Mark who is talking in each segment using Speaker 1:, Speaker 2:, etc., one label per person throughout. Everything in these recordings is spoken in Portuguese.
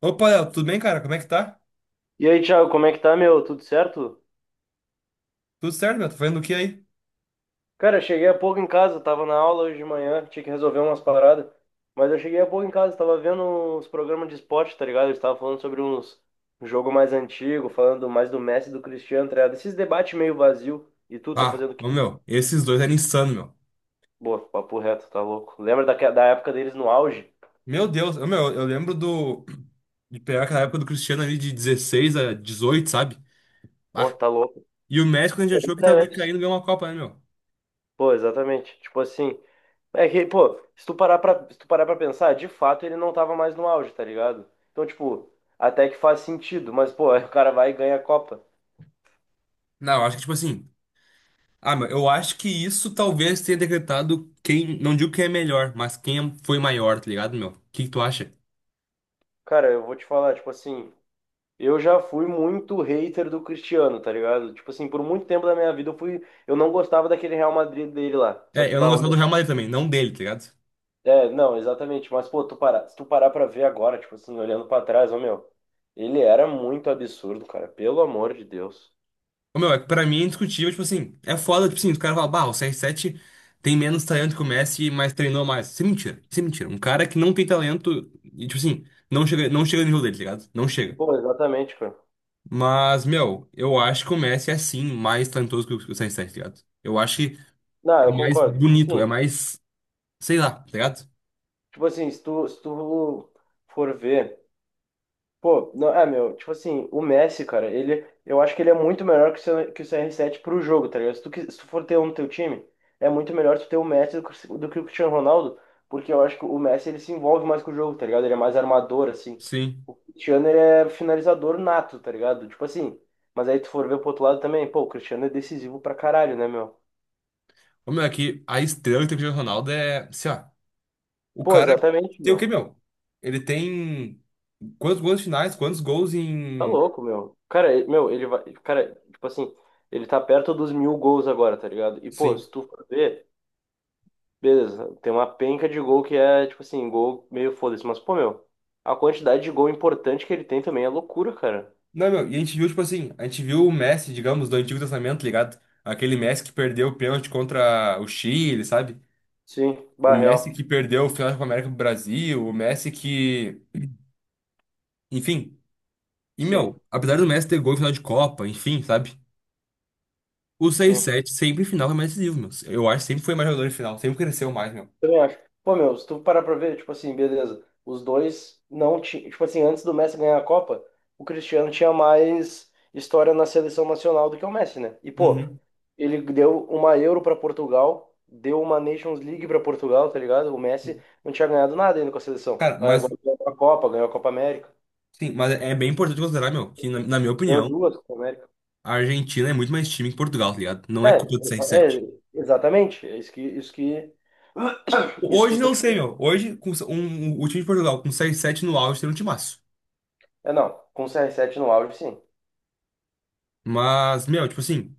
Speaker 1: Opa, Léo, tudo bem, cara? Como é que tá?
Speaker 2: E aí, Thiago, como é que tá, meu? Tudo certo?
Speaker 1: Tudo certo, meu? Tá fazendo o que aí?
Speaker 2: Cara, eu cheguei há pouco em casa, tava na aula hoje de manhã, tinha que resolver umas paradas. Mas eu cheguei há pouco em casa, tava vendo os programas de esporte, tá ligado? Eles estavam falando sobre uns um jogo mais antigo, falando mais do Messi e do Cristiano, tá ligado? Esses debates meio vazio. E tu tá
Speaker 1: Ah,
Speaker 2: fazendo o
Speaker 1: ô,
Speaker 2: quê?
Speaker 1: meu, esses dois eram insano, meu.
Speaker 2: Boa, papo reto, tá louco. Lembra da época deles no auge?
Speaker 1: Meu Deus, eu lembro do De pegar aquela época do Cristiano ali de 16 a 18, sabe?
Speaker 2: Pô,
Speaker 1: Ah,
Speaker 2: tá louco.
Speaker 1: e o Messi, quando a gente achou que
Speaker 2: Até
Speaker 1: tava
Speaker 2: antes.
Speaker 1: decaindo, ganhou uma Copa, né, meu?
Speaker 2: Pô, exatamente. Tipo assim, é que, pô, se tu parar pra pensar, de fato ele não tava mais no auge, tá ligado? Então, tipo, até que faz sentido, mas, pô, aí o cara vai e ganha a Copa.
Speaker 1: Não, eu acho que, tipo assim. Ah, meu, eu acho que isso talvez tenha decretado quem. Não digo quem é melhor, mas quem foi maior, tá ligado, meu? O que que tu acha?
Speaker 2: Cara, eu vou te falar, tipo assim, eu já fui muito hater do Cristiano, tá ligado? Tipo assim, por muito tempo da minha vida eu fui, eu não gostava daquele Real Madrid dele lá. Só
Speaker 1: É,
Speaker 2: que,
Speaker 1: eu não
Speaker 2: bah, ô,
Speaker 1: gostava do Real
Speaker 2: meu,
Speaker 1: Madrid também, não dele, tá ligado?
Speaker 2: é, não, exatamente, mas, pô, se tu parar pra ver agora, tipo assim, olhando pra trás, ô, meu, ele era muito absurdo, cara, pelo amor de Deus.
Speaker 1: Ô, meu, é que pra mim é indiscutível, tipo assim, é foda, tipo assim, os caras falam, bah, o CR7 tem menos talento que o Messi, mas treinou mais. Isso é mentira, isso é mentira. Um cara que não tem talento, e, tipo assim, não chega no nível dele, tá ligado? Não chega.
Speaker 2: Pô, exatamente, cara.
Speaker 1: Mas, meu, eu acho que o Messi é sim mais talentoso que o CR7, tá ligado? Eu acho que
Speaker 2: Não, eu
Speaker 1: ele é mais
Speaker 2: concordo.
Speaker 1: bonito, é mais, sei lá, tá ligado?
Speaker 2: Tipo assim, se tu for ver, pô, não, é, meu, tipo assim, o Messi, cara, ele, eu acho que ele é muito melhor que o CR7 pro jogo, tá ligado? Se tu for ter um no teu time, é muito melhor tu ter o Messi do que o Cristiano Ronaldo, porque eu acho que o Messi, ele se envolve mais com o jogo, tá ligado? Ele é mais armador, assim.
Speaker 1: Sim.
Speaker 2: O Cristiano, ele é finalizador nato, tá ligado? Tipo assim, mas aí tu for ver pro outro lado também, pô, o Cristiano é decisivo pra caralho, né, meu?
Speaker 1: Ô, meu, aqui, a estrela que tem o Cristiano Ronaldo é, sei lá, o
Speaker 2: Pô,
Speaker 1: cara
Speaker 2: exatamente,
Speaker 1: tem o quê,
Speaker 2: meu.
Speaker 1: meu? Ele tem quantos finais, quantos gols
Speaker 2: Tá
Speaker 1: em.
Speaker 2: louco, meu. Cara, meu, ele vai. Cara, tipo assim, ele tá perto dos 1.000 gols agora, tá ligado? E, pô,
Speaker 1: Sim.
Speaker 2: se tu for ver, beleza, tem uma penca de gol que é, tipo assim, gol meio foda-se. Mas, pô, meu, a quantidade de gol importante que ele tem também é loucura, cara.
Speaker 1: Não, meu, e a gente viu, tipo assim, a gente viu o Messi, digamos, do Antigo Testamento, tá ligado? Aquele Messi que perdeu o pênalti contra o Chile, sabe?
Speaker 2: Sim,
Speaker 1: O Messi
Speaker 2: Barreal.
Speaker 1: que perdeu o final da Copa América pro Brasil, o Messi que. Enfim. E,
Speaker 2: Sim,
Speaker 1: meu, apesar do Messi ter gol em final de Copa, enfim, sabe? O seis
Speaker 2: sim.
Speaker 1: 7 sempre em final foi mais decisivo, meu. Eu acho que sempre foi mais jogador em final, sempre cresceu mais, meu.
Speaker 2: Também acho. Pô, meu, se tu parar pra ver, tipo assim, beleza. Os dois não tinham. Tipo assim, antes do Messi ganhar a Copa, o Cristiano tinha mais história na seleção nacional do que o Messi, né? E, pô,
Speaker 1: Uhum.
Speaker 2: ele deu uma Euro pra Portugal, deu uma Nations League pra Portugal, tá ligado? O Messi não tinha ganhado nada ainda com a seleção.
Speaker 1: Cara,
Speaker 2: Aí
Speaker 1: mas,
Speaker 2: agora ganhou a Copa América,
Speaker 1: sim, mas é bem importante considerar, meu, que na minha
Speaker 2: ganhou
Speaker 1: opinião,
Speaker 2: duas Copa América.
Speaker 1: a Argentina é muito mais time que Portugal, tá ligado? Não é
Speaker 2: É,
Speaker 1: culpa do 6-7.
Speaker 2: é, exatamente. Isso que
Speaker 1: Hoje
Speaker 2: eu tô
Speaker 1: não
Speaker 2: te
Speaker 1: sei,
Speaker 2: falando.
Speaker 1: meu. Hoje, com o time de Portugal com seis sete no auge tem um timaço.
Speaker 2: É, não, com o CR7 no auge, sim.
Speaker 1: Mas, meu, tipo assim,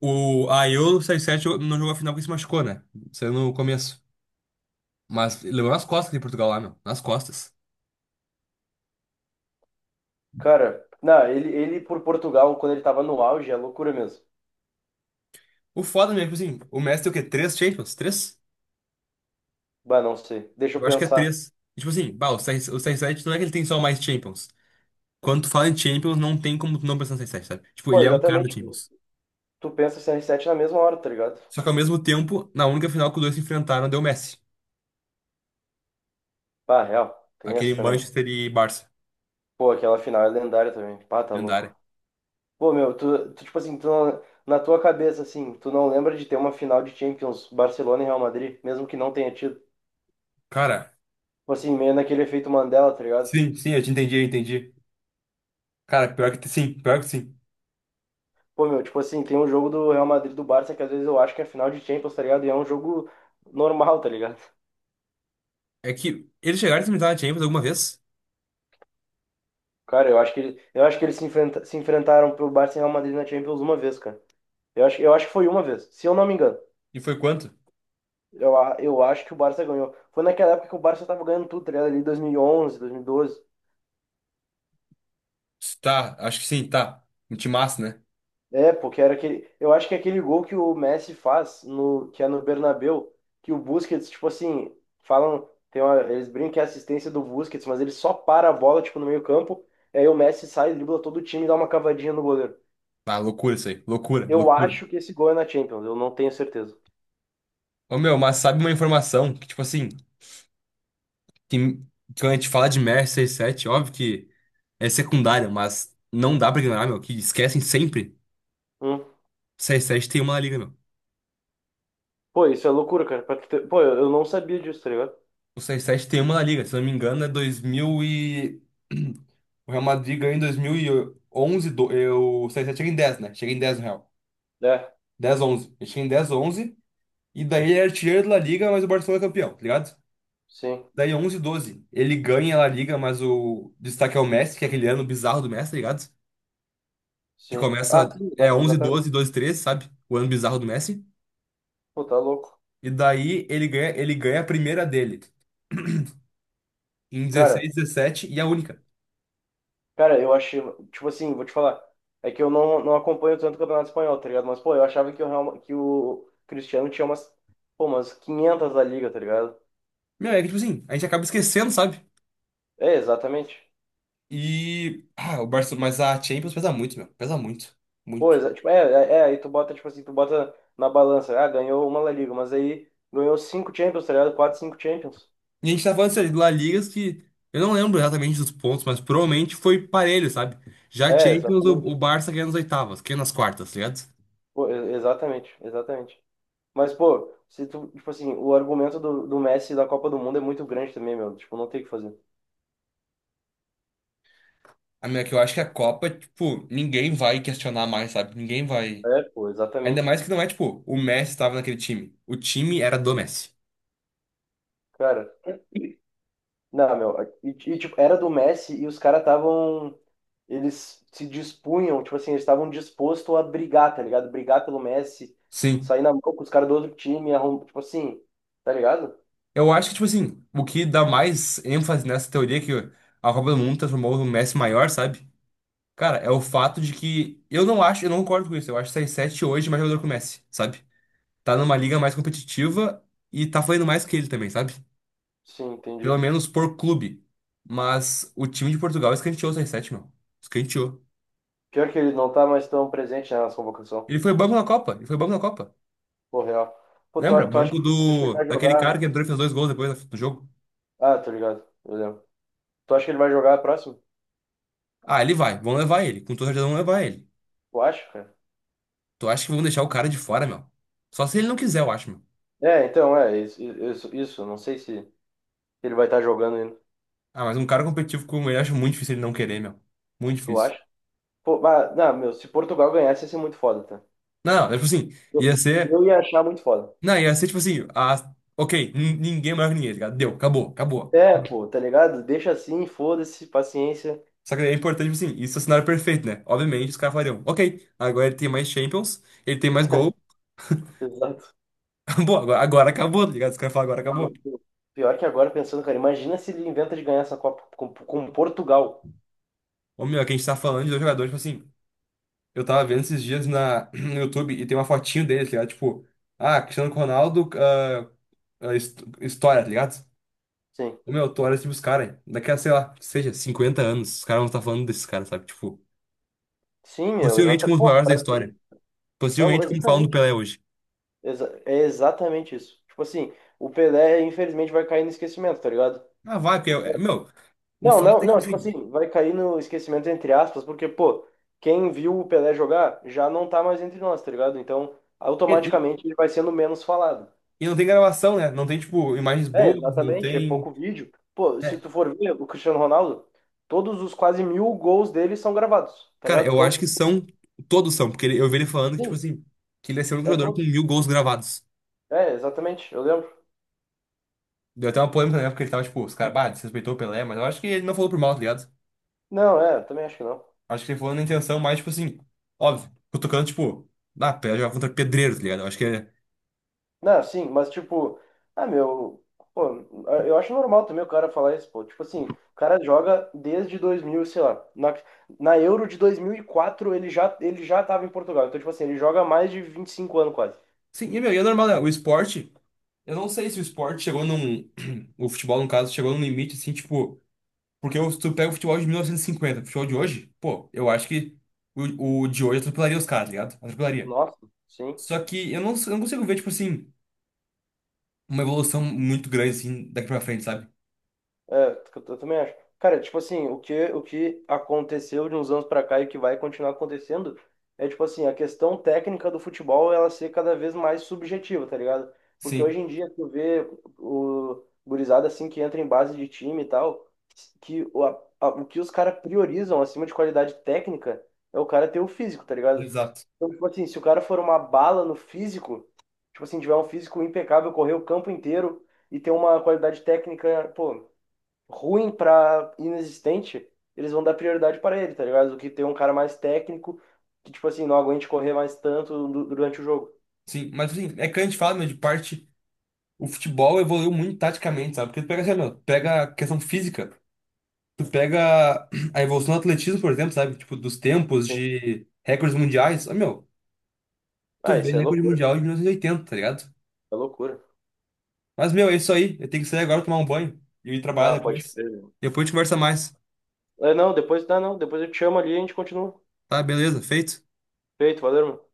Speaker 1: o a Euro 6-7 não jogou a final porque se machucou, né? Saiu no começo. Mas levou nas costas de Portugal lá, meu. Nas costas.
Speaker 2: Cara, não, ele por Portugal, quando ele tava no auge, é loucura mesmo.
Speaker 1: O foda mesmo, tipo assim, o Messi tem o quê? Três Champions? Três?
Speaker 2: Bah, não sei. Deixa eu
Speaker 1: Eu acho que é
Speaker 2: pensar.
Speaker 1: três. E, tipo assim, bah, o 6 não é que ele tem só mais Champions. Quando tu fala em Champions, não tem como tu não pensar no 6 sete, sabe? Tipo,
Speaker 2: Pô,
Speaker 1: ele é o cara do
Speaker 2: exatamente.
Speaker 1: Champions.
Speaker 2: Tu pensa CR7 na mesma hora, tá ligado?
Speaker 1: Só que ao mesmo tempo, na única final que os dois se enfrentaram, deu Messi.
Speaker 2: Pá, real. Tem essa
Speaker 1: Aquele
Speaker 2: também.
Speaker 1: Manchester e Barça.
Speaker 2: Pô, aquela final é lendária também. Pá, tá louco.
Speaker 1: Lendária.
Speaker 2: Pô, meu, tu tipo assim, tu não- na tua cabeça, assim, tu não lembra de ter uma final de Champions Barcelona e Real Madrid, mesmo que não tenha tido.
Speaker 1: Cara,
Speaker 2: Tipo assim, meio naquele efeito Mandela, tá ligado?
Speaker 1: sim, sim, eu te entendi, eu entendi. Cara, pior que sim, pior que sim.
Speaker 2: Pô, meu, tipo assim, tem um jogo do Real Madrid e do Barça que às vezes eu acho que é final de Champions, tá ligado? E é um jogo normal, tá ligado?
Speaker 1: É que eles chegaram a enfrentar a Champions alguma vez?
Speaker 2: Cara, eu acho que eles se enfrentaram pelo Barça e Real Madrid na Champions uma vez, cara. Eu acho que foi uma vez, se eu não me engano.
Speaker 1: E foi quanto?
Speaker 2: Eu acho que o Barça ganhou. Foi naquela época que o Barça tava ganhando tudo, tá ligado? Ali 2011, 2012.
Speaker 1: Tá, acho que sim, tá. Um timaço, né?
Speaker 2: É, porque era aquele, eu acho que é aquele gol que o Messi faz no que é no Bernabéu, que o Busquets, tipo assim, falam, tem uma- eles brincam que é assistência do Busquets, mas ele só para a bola tipo no meio-campo, e aí o Messi sai, dribla todo o time e dá uma cavadinha no goleiro.
Speaker 1: Ah, loucura isso aí. Loucura,
Speaker 2: Eu
Speaker 1: loucura.
Speaker 2: acho que esse gol é na Champions, eu não tenho certeza.
Speaker 1: Ô, meu, mas sabe uma informação que, tipo assim, que, quando a gente fala de Mer sete, óbvio que é secundária, mas não dá pra ignorar, meu, que esquecem sempre.
Speaker 2: Um.
Speaker 1: Seis sete tem uma La Liga, meu.
Speaker 2: Pô, isso é loucura, cara. Pra tu ter- Pô, eu não sabia disso, tá ligado?
Speaker 1: O 6 sete tem uma na Liga, se eu não me engano, é 2000 e... O Real Madrid ganhou em dois mil e onze do... eu... o 6-7 chega em dez, né? Chega em 10 no Real.
Speaker 2: É,
Speaker 1: Dez onze. Ele chega em 10 onze, e daí ele é artilheiro da La Liga, mas o Barcelona é campeão, tá ligado?
Speaker 2: sim,
Speaker 1: Daí 11 12 ele ganha a La Liga, mas o destaque é o Messi, que é aquele ano bizarro do Messi, tá ligado? Que
Speaker 2: sim. Ah,
Speaker 1: começa,
Speaker 2: sim,
Speaker 1: é 11,
Speaker 2: exatamente.
Speaker 1: 12, 12, treze, sabe? O ano bizarro do Messi.
Speaker 2: Pô, tá louco.
Speaker 1: E daí ele ganha a primeira dele, em
Speaker 2: Cara,
Speaker 1: 16, 17, e a única.
Speaker 2: cara, eu achei. Tipo assim, vou te falar. É que eu não acompanho tanto o Campeonato Espanhol, tá ligado? Mas, pô, eu achava que o, que o Cristiano tinha umas, pô, umas 500 da liga, tá ligado?
Speaker 1: Meu, é que tipo assim, a gente acaba esquecendo, sabe?
Speaker 2: É, exatamente.
Speaker 1: E. Ah, o Barcelona. Mas a Champions pesa muito, meu. Pesa muito.
Speaker 2: Pô,
Speaker 1: Muito.
Speaker 2: tipo, aí tu bota, tipo assim, tu bota na balança. Ah, ganhou uma La Liga, mas aí ganhou cinco Champions, tá ligado? Quatro, cinco Champions.
Speaker 1: E a gente tá falando isso ali do La Ligas que. Eu não lembro exatamente dos pontos, mas provavelmente foi parelho, sabe? Já a
Speaker 2: É,
Speaker 1: Champions, o
Speaker 2: exatamente.
Speaker 1: Barça ganha nas oitavas, ganha nas quartas, tá ligado?
Speaker 2: Pô, exatamente, exatamente. Mas, pô, se tu, tipo assim, o argumento do, do Messi da Copa do Mundo é muito grande também, meu. Tipo, não tem o que fazer.
Speaker 1: A minha que eu acho que a Copa, tipo, ninguém vai questionar mais, sabe? Ninguém vai.
Speaker 2: É, pô,
Speaker 1: Ainda
Speaker 2: exatamente.
Speaker 1: mais que não é, tipo, o Messi estava naquele time. O time era do Messi.
Speaker 2: Cara, não, meu. E, tipo, era do Messi e os caras estavam. Eles se dispunham, tipo assim, eles estavam dispostos a brigar, tá ligado? Brigar pelo Messi,
Speaker 1: Sim.
Speaker 2: sair na mão com os caras do outro time, arrum... tipo assim, tá ligado?
Speaker 1: Eu acho que, tipo assim, o que dá mais ênfase nessa teoria é que a Copa do Mundo transformou o Messi maior, sabe? Cara, é o fato de que eu não acho, eu não concordo com isso. Eu acho que 7 hoje mais jogador que o Messi, sabe? Tá numa liga mais competitiva e tá fazendo mais que ele também, sabe?
Speaker 2: Sim,
Speaker 1: Pelo
Speaker 2: entendi.
Speaker 1: menos por clube. Mas o time de Portugal escanteou o CR7, meu. Escanteou.
Speaker 2: Pior que ele não tá mais tão presente na nossa convocação.
Speaker 1: Ele foi banco na Copa.
Speaker 2: Pô, real. Pô,
Speaker 1: Lembra?
Speaker 2: tu, tu acha
Speaker 1: Banco
Speaker 2: que, tu acha que ele
Speaker 1: do
Speaker 2: vai
Speaker 1: daquele cara
Speaker 2: jogar?
Speaker 1: que entrou e fez dois gols depois do jogo.
Speaker 2: Ah, tô ligado, eu lembro. Tu acha que ele vai jogar a próxima?
Speaker 1: Ah, ele vai. Vão levar ele. Com toda certeza vão levar ele.
Speaker 2: Tu acha, cara?
Speaker 1: Tu acha que vão deixar o cara de fora, meu? Só se ele não quiser, eu acho, meu.
Speaker 2: É, então, é, isso, não sei se ele vai estar jogando ainda.
Speaker 1: Ah, mas um cara competitivo como ele, acho muito difícil ele não querer, meu. Muito
Speaker 2: Tu
Speaker 1: difícil.
Speaker 2: acha? Pô, ah, não, meu, se Portugal ganhasse ia ser muito foda, tá?
Speaker 1: Não, não, tipo assim,
Speaker 2: Eu,
Speaker 1: ia ser.
Speaker 2: eu ia achar muito foda.
Speaker 1: Não, ia ser tipo assim, a, ok, ninguém é maior que ninguém, tá ligado? Deu, acabou, acabou.
Speaker 2: É, pô, tá ligado? Deixa assim, foda-se, paciência.
Speaker 1: Só que é importante, tipo assim, isso é o cenário perfeito, né? Obviamente, os caras falariam, ok, agora ele tem mais Champions, ele tem mais gol,
Speaker 2: Exato.
Speaker 1: acabou, agora acabou, tá ligado? Os caras falam, agora
Speaker 2: Ah,
Speaker 1: acabou.
Speaker 2: mas, pô, pior que agora, pensando, cara, imagina se ele inventa de ganhar essa Copa com Portugal.
Speaker 1: Ô meu, é que a gente tá falando de dois jogadores, tipo assim, eu tava vendo esses dias na, no YouTube, e tem uma fotinho deles, tá ligado? Tipo, ah, Cristiano Ronaldo, ah, ah, história, tá ligado?
Speaker 2: Sim.
Speaker 1: Ô meu, tu olha, tipo, os caras, daqui a, sei lá, seja, 50 anos, os caras vão estar falando desses caras, sabe? Tipo.
Speaker 2: Sim, meu,
Speaker 1: Possivelmente como
Speaker 2: exatamente.
Speaker 1: os
Speaker 2: Pô,
Speaker 1: maiores da
Speaker 2: pra
Speaker 1: história.
Speaker 2: ser. Tá, louco.
Speaker 1: Possivelmente como falam do
Speaker 2: Exatamente.
Speaker 1: Pelé hoje.
Speaker 2: É exatamente isso. Tipo assim, o Pelé, infelizmente, vai cair no esquecimento, tá ligado?
Speaker 1: Ah, vai, porque, meu, o
Speaker 2: Não,
Speaker 1: fato
Speaker 2: não,
Speaker 1: é, tipo
Speaker 2: não, tipo
Speaker 1: assim,
Speaker 2: assim, vai cair no esquecimento entre aspas, porque, pô, quem viu o Pelé jogar já não tá mais entre nós, tá ligado? Então,
Speaker 1: ele,
Speaker 2: automaticamente ele vai sendo menos falado.
Speaker 1: ele não tem gravação, né? Não tem, tipo, imagens
Speaker 2: É,
Speaker 1: boas, não
Speaker 2: exatamente, é
Speaker 1: tem.
Speaker 2: pouco vídeo. Pô, se
Speaker 1: É,
Speaker 2: tu for ver o Cristiano Ronaldo, todos os quase 1.000 gols dele são gravados, tá
Speaker 1: cara,
Speaker 2: ligado?
Speaker 1: eu acho
Speaker 2: Todos.
Speaker 1: que são, todos são, porque eu vi ele falando que, tipo
Speaker 2: Sim,
Speaker 1: assim, que ele ia ser o único
Speaker 2: é
Speaker 1: jogador com
Speaker 2: todos.
Speaker 1: 1.000 gols gravados.
Speaker 2: É, exatamente, eu lembro.
Speaker 1: Deu até uma polêmica na época, ele tava, tipo, os caras, bah, desrespeitou o Pelé, mas eu acho que ele não falou por mal, tá ligado?
Speaker 2: Não, é, também acho que não.
Speaker 1: Acho que ele falou na intenção, mais, tipo assim, óbvio, cutucando, tipo, ah, Pelé jogava contra pedreiro, tá ligado? Eu acho que é.
Speaker 2: Não, sim, mas tipo, ah, meu, pô, ah, eu acho normal também o cara falar isso, pô. Tipo assim, o cara joga desde 2000 sei lá, na Euro de 2004 ele já tava em Portugal. Então, tipo assim, ele joga há mais de 25 anos quase.
Speaker 1: Sim, e, meu, e é normal, né? O esporte. Eu não sei se o esporte chegou num. O futebol, no caso, chegou num limite, assim, tipo. Porque eu- se tu pega o futebol de 1950 o futebol de hoje, pô, eu acho que o de hoje atropelaria os caras, tá ligado? Atropelaria.
Speaker 2: Nossa, sim.
Speaker 1: Só que eu não consigo ver, tipo assim, uma evolução muito grande, assim, daqui pra frente, sabe?
Speaker 2: É, eu também acho. Cara, tipo assim, o que aconteceu de uns anos pra cá e o que vai continuar acontecendo é, tipo assim, a questão técnica do futebol ela ser cada vez mais subjetiva, tá ligado? Porque
Speaker 1: Sim,
Speaker 2: hoje em dia tu vê o gurizada assim que entra em base de time e tal, que o que os caras priorizam acima de qualidade técnica é o cara ter o físico, tá ligado?
Speaker 1: exato.
Speaker 2: Então, tipo assim, se o cara for uma bala no físico, tipo assim, tiver um físico impecável, correr o campo inteiro e ter uma qualidade técnica, pô, ruim pra inexistente, eles vão dar prioridade para ele, tá ligado? Do que ter um cara mais técnico que, tipo assim, não aguente correr mais tanto durante o jogo.
Speaker 1: Sim, mas assim, é que a gente fala, meu, de parte. O futebol evoluiu muito taticamente, sabe? Porque tu pega, sei lá, meu, tu pega a questão física, tu pega a evolução do atletismo, por exemplo, sabe? Tipo, dos tempos
Speaker 2: Sim.
Speaker 1: de recordes mundiais. Ah, meu. Tu
Speaker 2: Ah,
Speaker 1: vê
Speaker 2: isso é
Speaker 1: recorde
Speaker 2: loucura.
Speaker 1: mundial de 1980, tá ligado?
Speaker 2: É loucura.
Speaker 1: Mas, meu, é isso aí. Eu tenho que sair agora tomar um banho e ir
Speaker 2: Ah,
Speaker 1: trabalhar
Speaker 2: pode
Speaker 1: depois.
Speaker 2: crer.
Speaker 1: Depois a gente conversa mais.
Speaker 2: É, não, depois, não, não, depois eu te chamo ali e a gente continua.
Speaker 1: Tá, beleza, feito.
Speaker 2: Feito, valeu, irmão.